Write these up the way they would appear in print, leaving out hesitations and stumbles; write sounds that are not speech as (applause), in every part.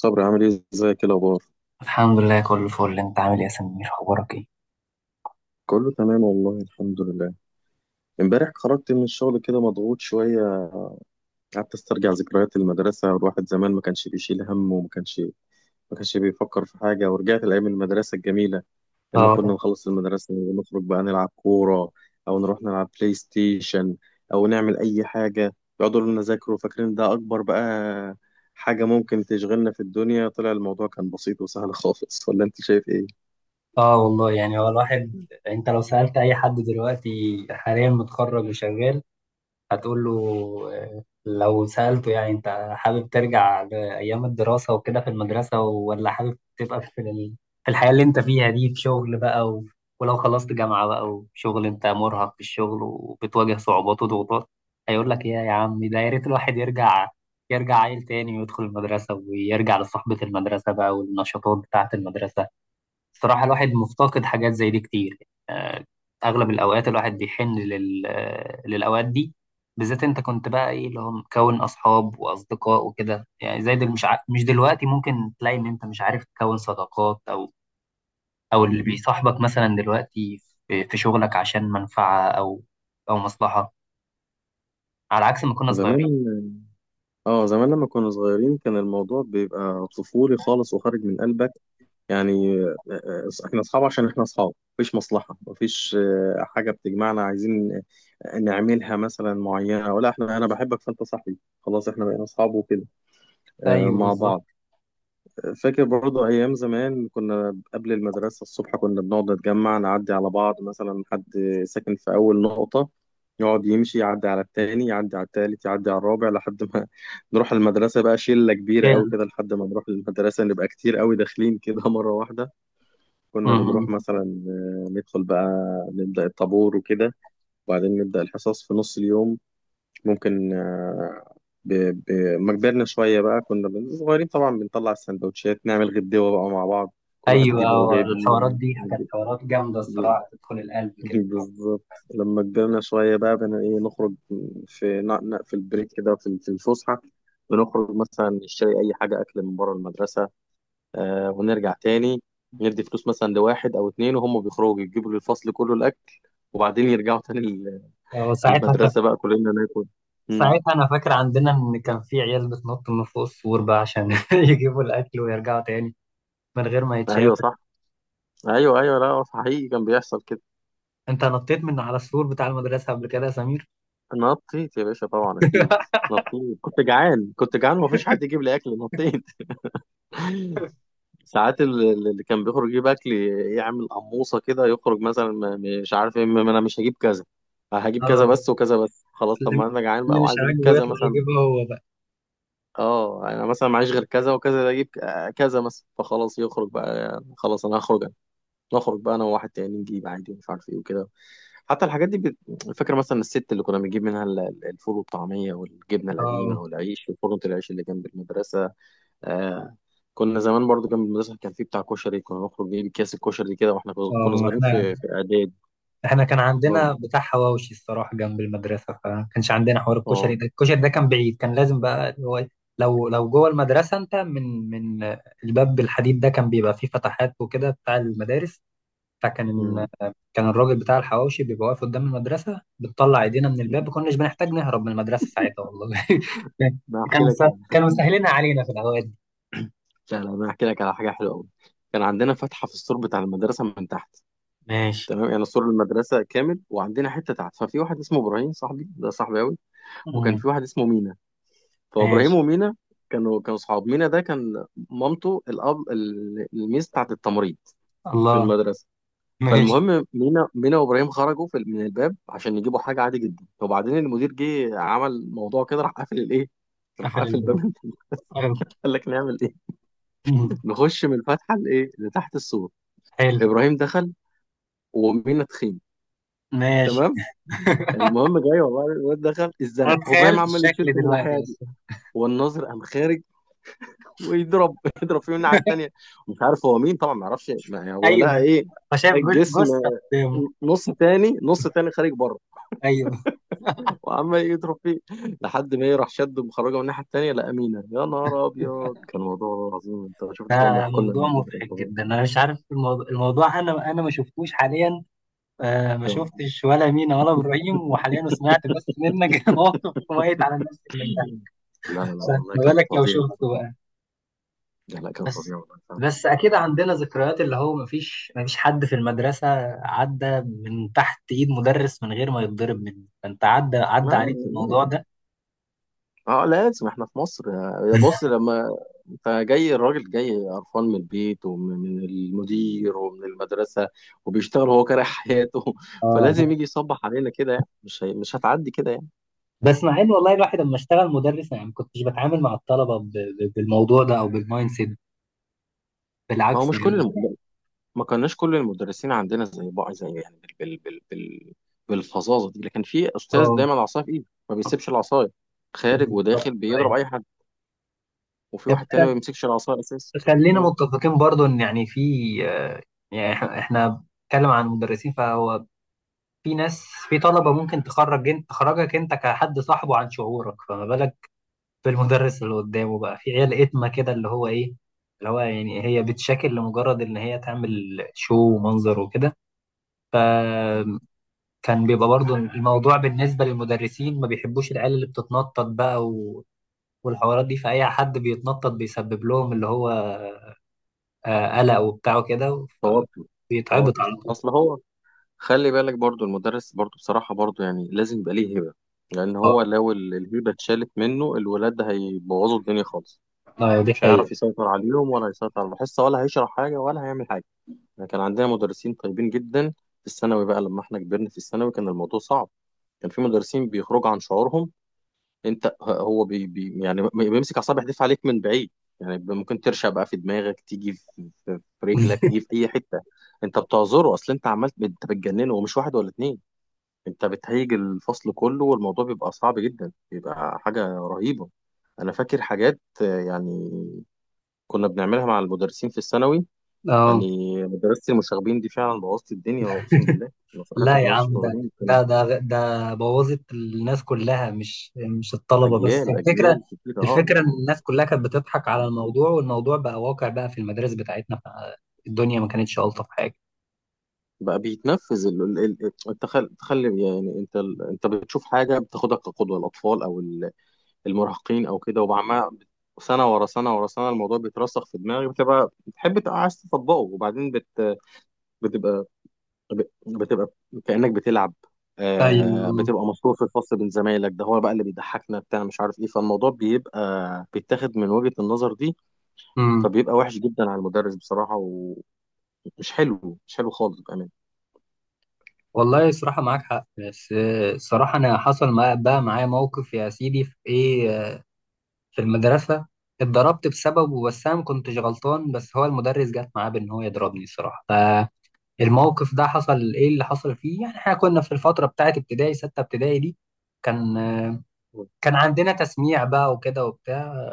صبري، عامل ايه؟ ازيك؟ إيه الاخبار؟ الحمد لله، كله فل. انت عامل ايه يا سمير؟ اخبارك ايه؟ كله تمام والله، الحمد لله. امبارح خرجت من الشغل كده مضغوط شويه، قعدت استرجع ذكريات المدرسه. الواحد زمان ما كانش بيشيل هم وما كانش ما كانش بيفكر في حاجه، ورجعت لايام المدرسه الجميله لما كنا اه، نخلص المدرسه ونخرج بقى نلعب كوره او نروح نلعب بلاي ستيشن او نعمل اي حاجه. يقعدوا يقولوا لنا ذاكروا، فاكرين ده اكبر بقى حاجه ممكن تشغلنا في الدنيا، طلع الموضوع كان بسيط وسهل خالص. ولا انت شايف ايه؟ اه. والله، يعني هو الواحد. انت لو سألت اي حد دلوقتي حاليا متخرج وشغال، هتقول له لو سألته يعني انت حابب ترجع لأيام الدراسة وكده في المدرسة، ولا حابب تبقى في الحياة اللي انت فيها دي في شغل بقى ولو خلصت جامعة بقى وشغل، انت مرهق في الشغل وبتواجه صعوبات وضغوطات، هيقول لك يا عم، ده يا ريت الواحد يرجع عيل تاني، ويدخل المدرسة ويرجع لصحبة المدرسة بقى والنشاطات بتاعة المدرسة. الصراحة الواحد مفتقد حاجات زي دي كتير. آه، أغلب الأوقات الواحد بيحن لل... آه، للأوقات دي. بالذات أنت كنت بقى إيه اللي هو مكون أصحاب وأصدقاء وكده، يعني زي دل مش دلوقتي ممكن تلاقي إن أنت مش عارف تكون صداقات، أو اللي بيصاحبك مثلا دلوقتي في شغلك عشان منفعة، أو مصلحة، على عكس ما كنا زمان، صغيرين. اه زمان لما كنا صغيرين كان الموضوع بيبقى طفولي خالص وخارج من قلبك. يعني احنا اصحاب عشان احنا اصحاب، مفيش مصلحة، مفيش حاجة بتجمعنا، عايزين نعملها مثلا معينة. ولا احنا انا بحبك فانت صاحبي، خلاص احنا بقينا اصحاب وكده أيوه، مع بالظبط. بعض. فاكر برضو أيام زمان كنا قبل المدرسة الصبح كنا بنقعد نتجمع، نعدي على بعض، مثلا حد ساكن في أول نقطة يقعد يمشي يعدي على التاني، يعدي على التالت، يعدي على الرابع، لحد ما (laughs) نروح المدرسة بقى شلة كبيرة أوي شل كده. لحد ما نروح المدرسة نبقى كتير أوي داخلين كده (laughs) مرة واحدة. كنا بنروح مهم. مثلا، ندخل بقى، نبدأ الطابور وكده، وبعدين نبدأ الحصص في نص اليوم. ممكن ب... ب... ما كبرنا شوية بقى كنا صغيرين طبعا، بنطلع السندوتشات نعمل غدوة بقى مع بعض، كل واحد يجيب هو أيوه. جايب ايه. الحوارات دي كانت يعني. حوارات جامدة الصراحة، (laughs) تدخل القلب كده. بالظبط. لما كبرنا شوية بقى بنا ايه، نخرج في في البريك كده، في الفسحة، بنخرج مثلا نشتري أي حاجة أكل من بره المدرسة، آه، ونرجع تاني. ندي فلوس مثلا لواحد أو اتنين وهم بيخرجوا يجيبوا للفصل كله الأكل، وبعدين يرجعوا تاني وساعتها المدرسة بقى كلنا ناكل. مم. ساعتها انا فاكر عندنا ان كان في عيال بتنط من فوق السور بقى عشان (laughs) يجيبوا الاكل ويرجعوا تاني من غير ما أيوه يتشافوا. صح، ايوه ايوه، لا هو حقيقي كان بيحصل كده. انت نطيت من على السور بتاع المدرسه قبل كده يا سمير؟ نطيت يا باشا طبعا، اكيد (laughs) نطيت. كنت جعان، كنت جعان ومفيش حد يجيب لي اكل، نطيت. (laughs) ساعات اللي كان بيخرج يجيب اكل يعمل قموصه كده، يخرج مثلا، مش عارف ايه، انا مش هجيب كذا، هجيب كذا بس اه. وكذا بس خلاص. طب اللي ما انا جعان اللي بقى مش وعايز اجيب عاجبه كذا يطلع مثلا. يجيبها هو بقى. اه انا مثلا معيش غير كذا وكذا، ده اجيب كذا مثلا، فخلاص يخرج بقى، خلاص انا هخرج انا. نخرج بقى انا وواحد تاني، نجيب عادي ومش عارف ايه وكده. حتى الحاجات دي فاكر مثلا الست اللي كنا بنجيب منها الفول والطعمية والجبنة القديمة اه، والعيش، وفرن العيش اللي جنب المدرسة. آه، كنا زمان برضو جنب المدرسة كان في بتاع كشري، كنا نخرج نجيب اكياس الكشري كده واحنا كنا اه. صغيرين احنا في إعداد. احنا كان عندنا برضو، بتاع حواوشي الصراحه جنب المدرسه، فما كانش عندنا حوار الكشري اه. ده الكشري ده كان بعيد، كان لازم بقى اللي هو إيه، لو جوه المدرسه، انت من الباب الحديد ده كان بيبقى فيه فتحات وكده بتاع المدارس. فكان أمم. كان الراجل بتاع الحواوشي بيبقى واقف قدام المدرسة، بتطلع ايدينا من الباب، ما (laughs) كناش بنحتاج نهرب من المدرسة ساعتها والله. انا (laughs) هحكي لك. كانوا مسهلينها علينا في الأوقات دي. لا لا، انا هحكي لك على حاجه حلوه قوي. كان عندنا فتحه في السور بتاع المدرسه من تحت. ماشي. تمام، يعني سور المدرسه كامل وعندنا حته تحت. ففي واحد اسمه ابراهيم، صاحبي، ده صاحبي قوي. وكان مم. في واحد اسمه مينا، فابراهيم ماشي. ومينا كانوا صحاب. مينا ده كان مامته الاب الميس بتاعت التمريض في الله. المدرسه. ماشي. فالمهم مينا وابراهيم خرجوا في من الباب عشان يجيبوا حاجه، عادي جدا. وبعدين المدير جه، عمل موضوع كده، راح قافل الايه، راح قفل قافل الباب. باب قفل. (laughs) قال لك نعمل ايه. مم. نخش من الفتحه لايه، لتحت السور. حلو. ابراهيم دخل، ومينا تخين. ماشي. تمام. المهم جاي والله، الواد دخل أنا اتزنق، وابراهيم تخيلت عمال الشكل يشد من الناحيه دلوقتي دي، أصلا. والناظر قام خارج ويضرب (laughs) يضرب فيه من الناحيه (laughs) التانيه. مش عارف هو مين طبعا، ما يعرفش يعني هو لقى أيوه. ايه، فشايف الجسم، جثة قدامه. نص تاني، نص تاني خارج بره، أيوه. وعمال يضرب فيه، لحد ما يروح شد مخرجه من الناحيه التانيه لقى مينا. يا نهار ابيض، كان موضوع عظيم. انت شفت بقى هم ده يحكوا لنا موضوع الموضوع ده، كان مضحك فظيع. جدا، أنا مش عارف الموضوع أنا ما شفتوش حاليا. آه، ما آه. شفتش ولا مينا ولا ابراهيم، وحاليا سمعت بس منك. (laughs) موقف كويس على الناس اللي انبهت. لا لا لا، والله ما كان بالك لو فظيع شفته فظيع. بقى. لا لا، كان بس فظيع والله فعلا. بس اكيد عندنا ذكريات، اللي هو ما فيش حد في المدرسه عدى من تحت ايد مدرس من غير ما يتضرب منه، فانت عدى ما- عليك الموضوع ده. اه لازم، احنا في مصر. يا بص، (laughs) لما انت جاي، الراجل جاي قرفان من البيت ومن المدير ومن المدرسة، وبيشتغل هو كاره حياته، (laughs) فلازم اه. يجي يصبح علينا كده يعني. مش هتعدي كده يعني. بس مع ان والله الواحد لما اشتغل مدرس يعني ما كنتش بتعامل مع الطلبه بالموضوع ده او بالمايند سيت، ما هو بالعكس مش كل يعني. ما كناش كل المدرسين عندنا زي بعض، زي يعني بالفظاظة دي، لكن في استاذ اه، دايما العصاية في ايده، ما بيسيبش العصاية، خارج بالظبط. وداخل بيضرب اي حد. وفي واحد تاني ما بيمسكش العصاية اساسا. خلينا مم. متفقين برضو ان يعني في، آه، يعني احنا بنتكلم عن مدرسين، فهو في ناس، في طلبة ممكن تخرجك انت كحد صاحبه عن شعورك، فما بالك بالمدرس اللي قدامه بقى في عيال اتمة كده، اللي هو ايه، اللي هو يعني هي بتشاكل لمجرد ان هي تعمل شو ومنظر وكده. فكان بيبقى برضو الموضوع بالنسبة للمدرسين ما بيحبوش العيال اللي بتتنطط بقى والحوارات دي فأي حد بيتنطط بيسبب لهم اللي هو قلق وبتاع وكده، توتر. بيتعبط توتر، على طول. اصل هو، خلي بالك برضو، المدرس برضو بصراحة برضو يعني لازم يبقى ليه هبة، لأن اه، هو لو الهبة اتشالت منه الولاد ده هيبوظوا الدنيا خالص، اه، دي مش حقيقة. هيعرف يسيطر عليهم ولا هيسيطر على الحصة، ولا هيشرح حاجة ولا هيعمل حاجة. احنا كان عندنا مدرسين طيبين جدا. في الثانوي بقى لما احنا كبرنا في الثانوي كان الموضوع صعب، كان في مدرسين بيخرجوا عن شعورهم. انت هو بي يعني بيمسك أعصاب، يحدف عليك من بعيد. يعني ممكن ترشق بقى في دماغك، تيجي في في رجلك، (laughs) تيجي في أي حتة. انت بتعذره، اصل انت عملت، انت بتجننه، ومش واحد ولا اتنين، انت بتهيج الفصل كله، والموضوع بيبقى صعب جدا، بيبقى حاجة رهيبة. انا فاكر حاجات يعني كنا بنعملها مع المدرسين في الثانوي. اه. يعني مدرسة المشاغبين دي فعلا بوظت الدنيا، اقسم بالله، انا صراحة لا في يا مدرسة عم، ده المشاغبين كان ده ده ده بوظت الناس كلها، مش الطلبة بس. اجيال، الفكرة، اجيال كتيرة. اه الفكرة ان آه. الناس كلها كانت بتضحك على الموضوع والموضوع بقى واقع بقى في المدارس بتاعتنا، فالدنيا ما كانتش ألطف حاجة. بقى بيتنفذ انت تخلي يعني، انت انت بتشوف حاجة بتاخدها كقدوة، الاطفال او المراهقين او كده، وبعمها سنة ورا سنة ورا سنة، الموضوع بيترسخ في دماغي، بتبقى بتحب، تبقى عايز تطبقه، وبعدين بتبقى بتبقى كأنك بتلعب. آه ايوه. بتبقى مشهور في الفصل بين زمايلك، ده هو بقى اللي بيضحكنا بتاع مش عارف ايه، فالموضوع بيبقى بيتاخد من وجهة النظر دي. امم فبيبقى وحش جدا على المدرس بصراحة، ومش حلو، مش حلو خالص، بأمانة. والله صراحة معاك حق، بس الصراحة انا حصل بقى معايا موقف يا سيدي في ايه، في المدرسة. اتضربت بسببه، بس أنا ما كنتش غلطان، بس هو المدرس جت معاه بإن هو يضربني الصراحة. فالموقف ده حصل إيه اللي حصل فيه، يعني إحنا كنا في الفترة بتاعة ابتدائي ستة ابتدائي دي، كان مم. كان عندنا تسميع بقى وكده وبتاع.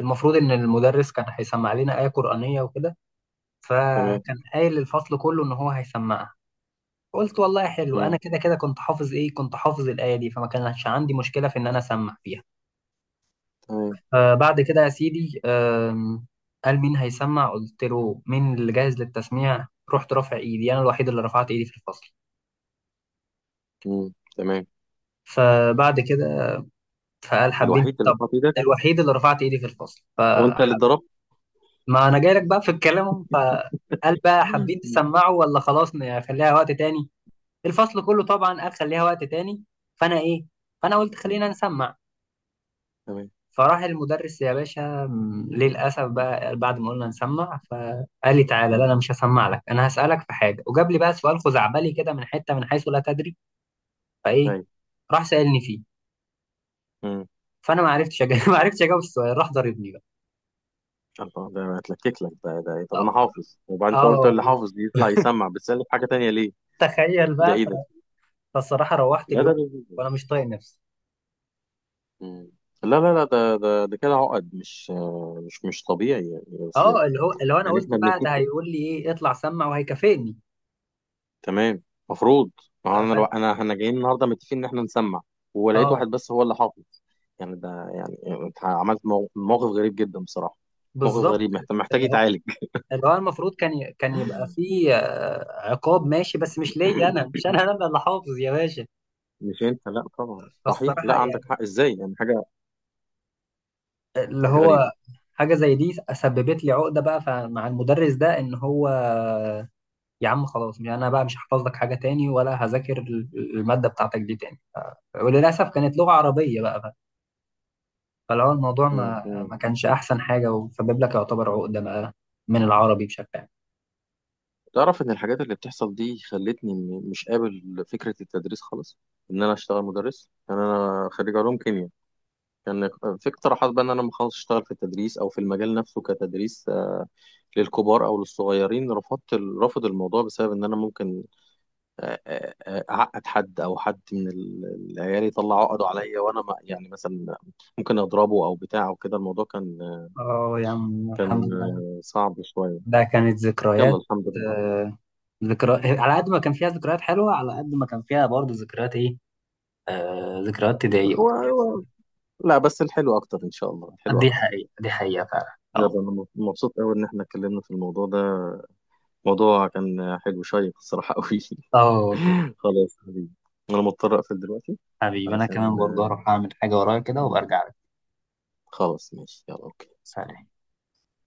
المفروض إن المدرس كان هيسمع لنا آية قرآنية وكده، تمام. فكان قايل للفصل كله إن هو هيسمعها. قلت والله حلو، أنا مم. كده كده كنت حافظ إيه، كنت حافظ الآية دي، فما كانش عندي مشكلة في إن أنا أسمع فيها. تمام. آه، بعد كده يا سيدي، قال مين هيسمع؟ قلت له مين اللي جاهز للتسميع؟ رحت رافع ايدي، انا الوحيد اللي رفعت ايدي في الفصل. مم. تمام. فبعد كده فقال حابين، الوحيد اللي طب حاطط ايدك. الوحيد اللي رفعت ايدي في الفصل هو انت اللي فحب. اتضربت. ما انا جاي لك بقى في الكلام أهو. فقال بقى حابين مم. تسمعوا ولا خلاص نخليها وقت تاني؟ الفصل كله طبعا قال خليها وقت تاني. فانا ايه فانا قلت مم. خلينا نسمع. تمام. فراح المدرس يا باشا، للأسف بقى بعد ما قلنا نسمع فقال لي تعالى، لا مم. أنا مش هسمع لك، أنا هسألك في حاجة، وجاب لي بقى سؤال خزعبلي كده من حتة من حيث لا تدري. فإيه ايوه. راح سألني فيه، مم. فأنا ما عرفتش أجاوب. (laughs) ما عرفتش أجاوب السؤال، راح ضربني بقى. الله، ده اتلكك لك ده، ده إيه؟ طب أه، انا حافظ، وبعدين انت قلت آه، اللي حافظ دي يطلع يسمع، بتسألني في حاجة تانية ليه؟ تخيل ده بقى ايه ده؟ فالصراحة روحت لا اليوم وأنا مش طايق نفسي. مم. لا لا لا، ده كده عقد، مش مش طبيعي يعني اصل. أه، اللي هو أنا يعني قلت احنا بقى ده بنتفق، هيقول لي إيه، اطلع سمع وهيكافئني. تمام، مفروض. ما هو آه، ف... انا لو، انا احنا جايين النهارده متفقين ان احنا نسمع، ولقيت أه، واحد بس هو اللي حاطط، يعني ده يعني، انت عملت موقف غريب جدا بصراحه، موقف بالظبط. غريب، محتاج يتعالج. اللي هو المفروض كان يبقى فيه عقاب ماشي، بس مش ليا انا، مش انا (coughs) انا اللي حافظ يا باشا. مش انت، لا طبعا، صحيح، فالصراحه لا عندك يعني، حق، ازاي يعني، حاجه، اللي حاجه هو غريبه. حاجه زي دي سببت لي عقده بقى مع المدرس ده ان هو يا عم خلاص، يعني انا بقى مش هحفظ لك حاجه تاني ولا هذاكر الماده بتاعتك دي تاني. وللاسف كانت لغه عربيه بقى فاللي هو الموضوع ما مم. ما كانش احسن حاجه وسبب لك يعتبر عقده بقى من العربي بشكل عام. تعرف إن الحاجات اللي بتحصل دي خلتني، مش قابل فكرة التدريس خالص، إن أنا أشتغل مدرس. يعني أنا خريج علوم كيمياء، كان في اقتراحات بقى إن أنا لما أخلص أشتغل في التدريس أو في المجال نفسه كتدريس للكبار أو للصغيرين. رفضت رافض الموضوع بسبب إن أنا ممكن أعقد حد، أو حد من العيال يطلع عقده عليا، وأنا يعني مثلا ممكن أضربه أو بتاع أو كده. الموضوع كان، اه يا عم الحمد كان لله، صعب شوية. ده كانت يلا ذكريات. الحمد آه ذكرى على قد ما كان فيها ذكريات حلوة، على قد ما كان فيها برضه ذكريات إيه، ذكريات تضايق وكده. لله. لا بس الحلو اكتر ان شاء الله، الحلو دي اكتر. حقيقة، دي حقيقة فعلا. اه. يلا انا مبسوط قوي ان احنا اتكلمنا في الموضوع ده، موضوع كان حلو، شيق الصراحه قوي. اه والله. (laughs) خلاص يا حبيبي، انا مضطر اقفل دلوقتي حبيبي أنا علشان، كمان برضه هروح أعمل حاجة ورايا كده وبرجع لك. خلاص ماشي، يلا اوكي. سلام.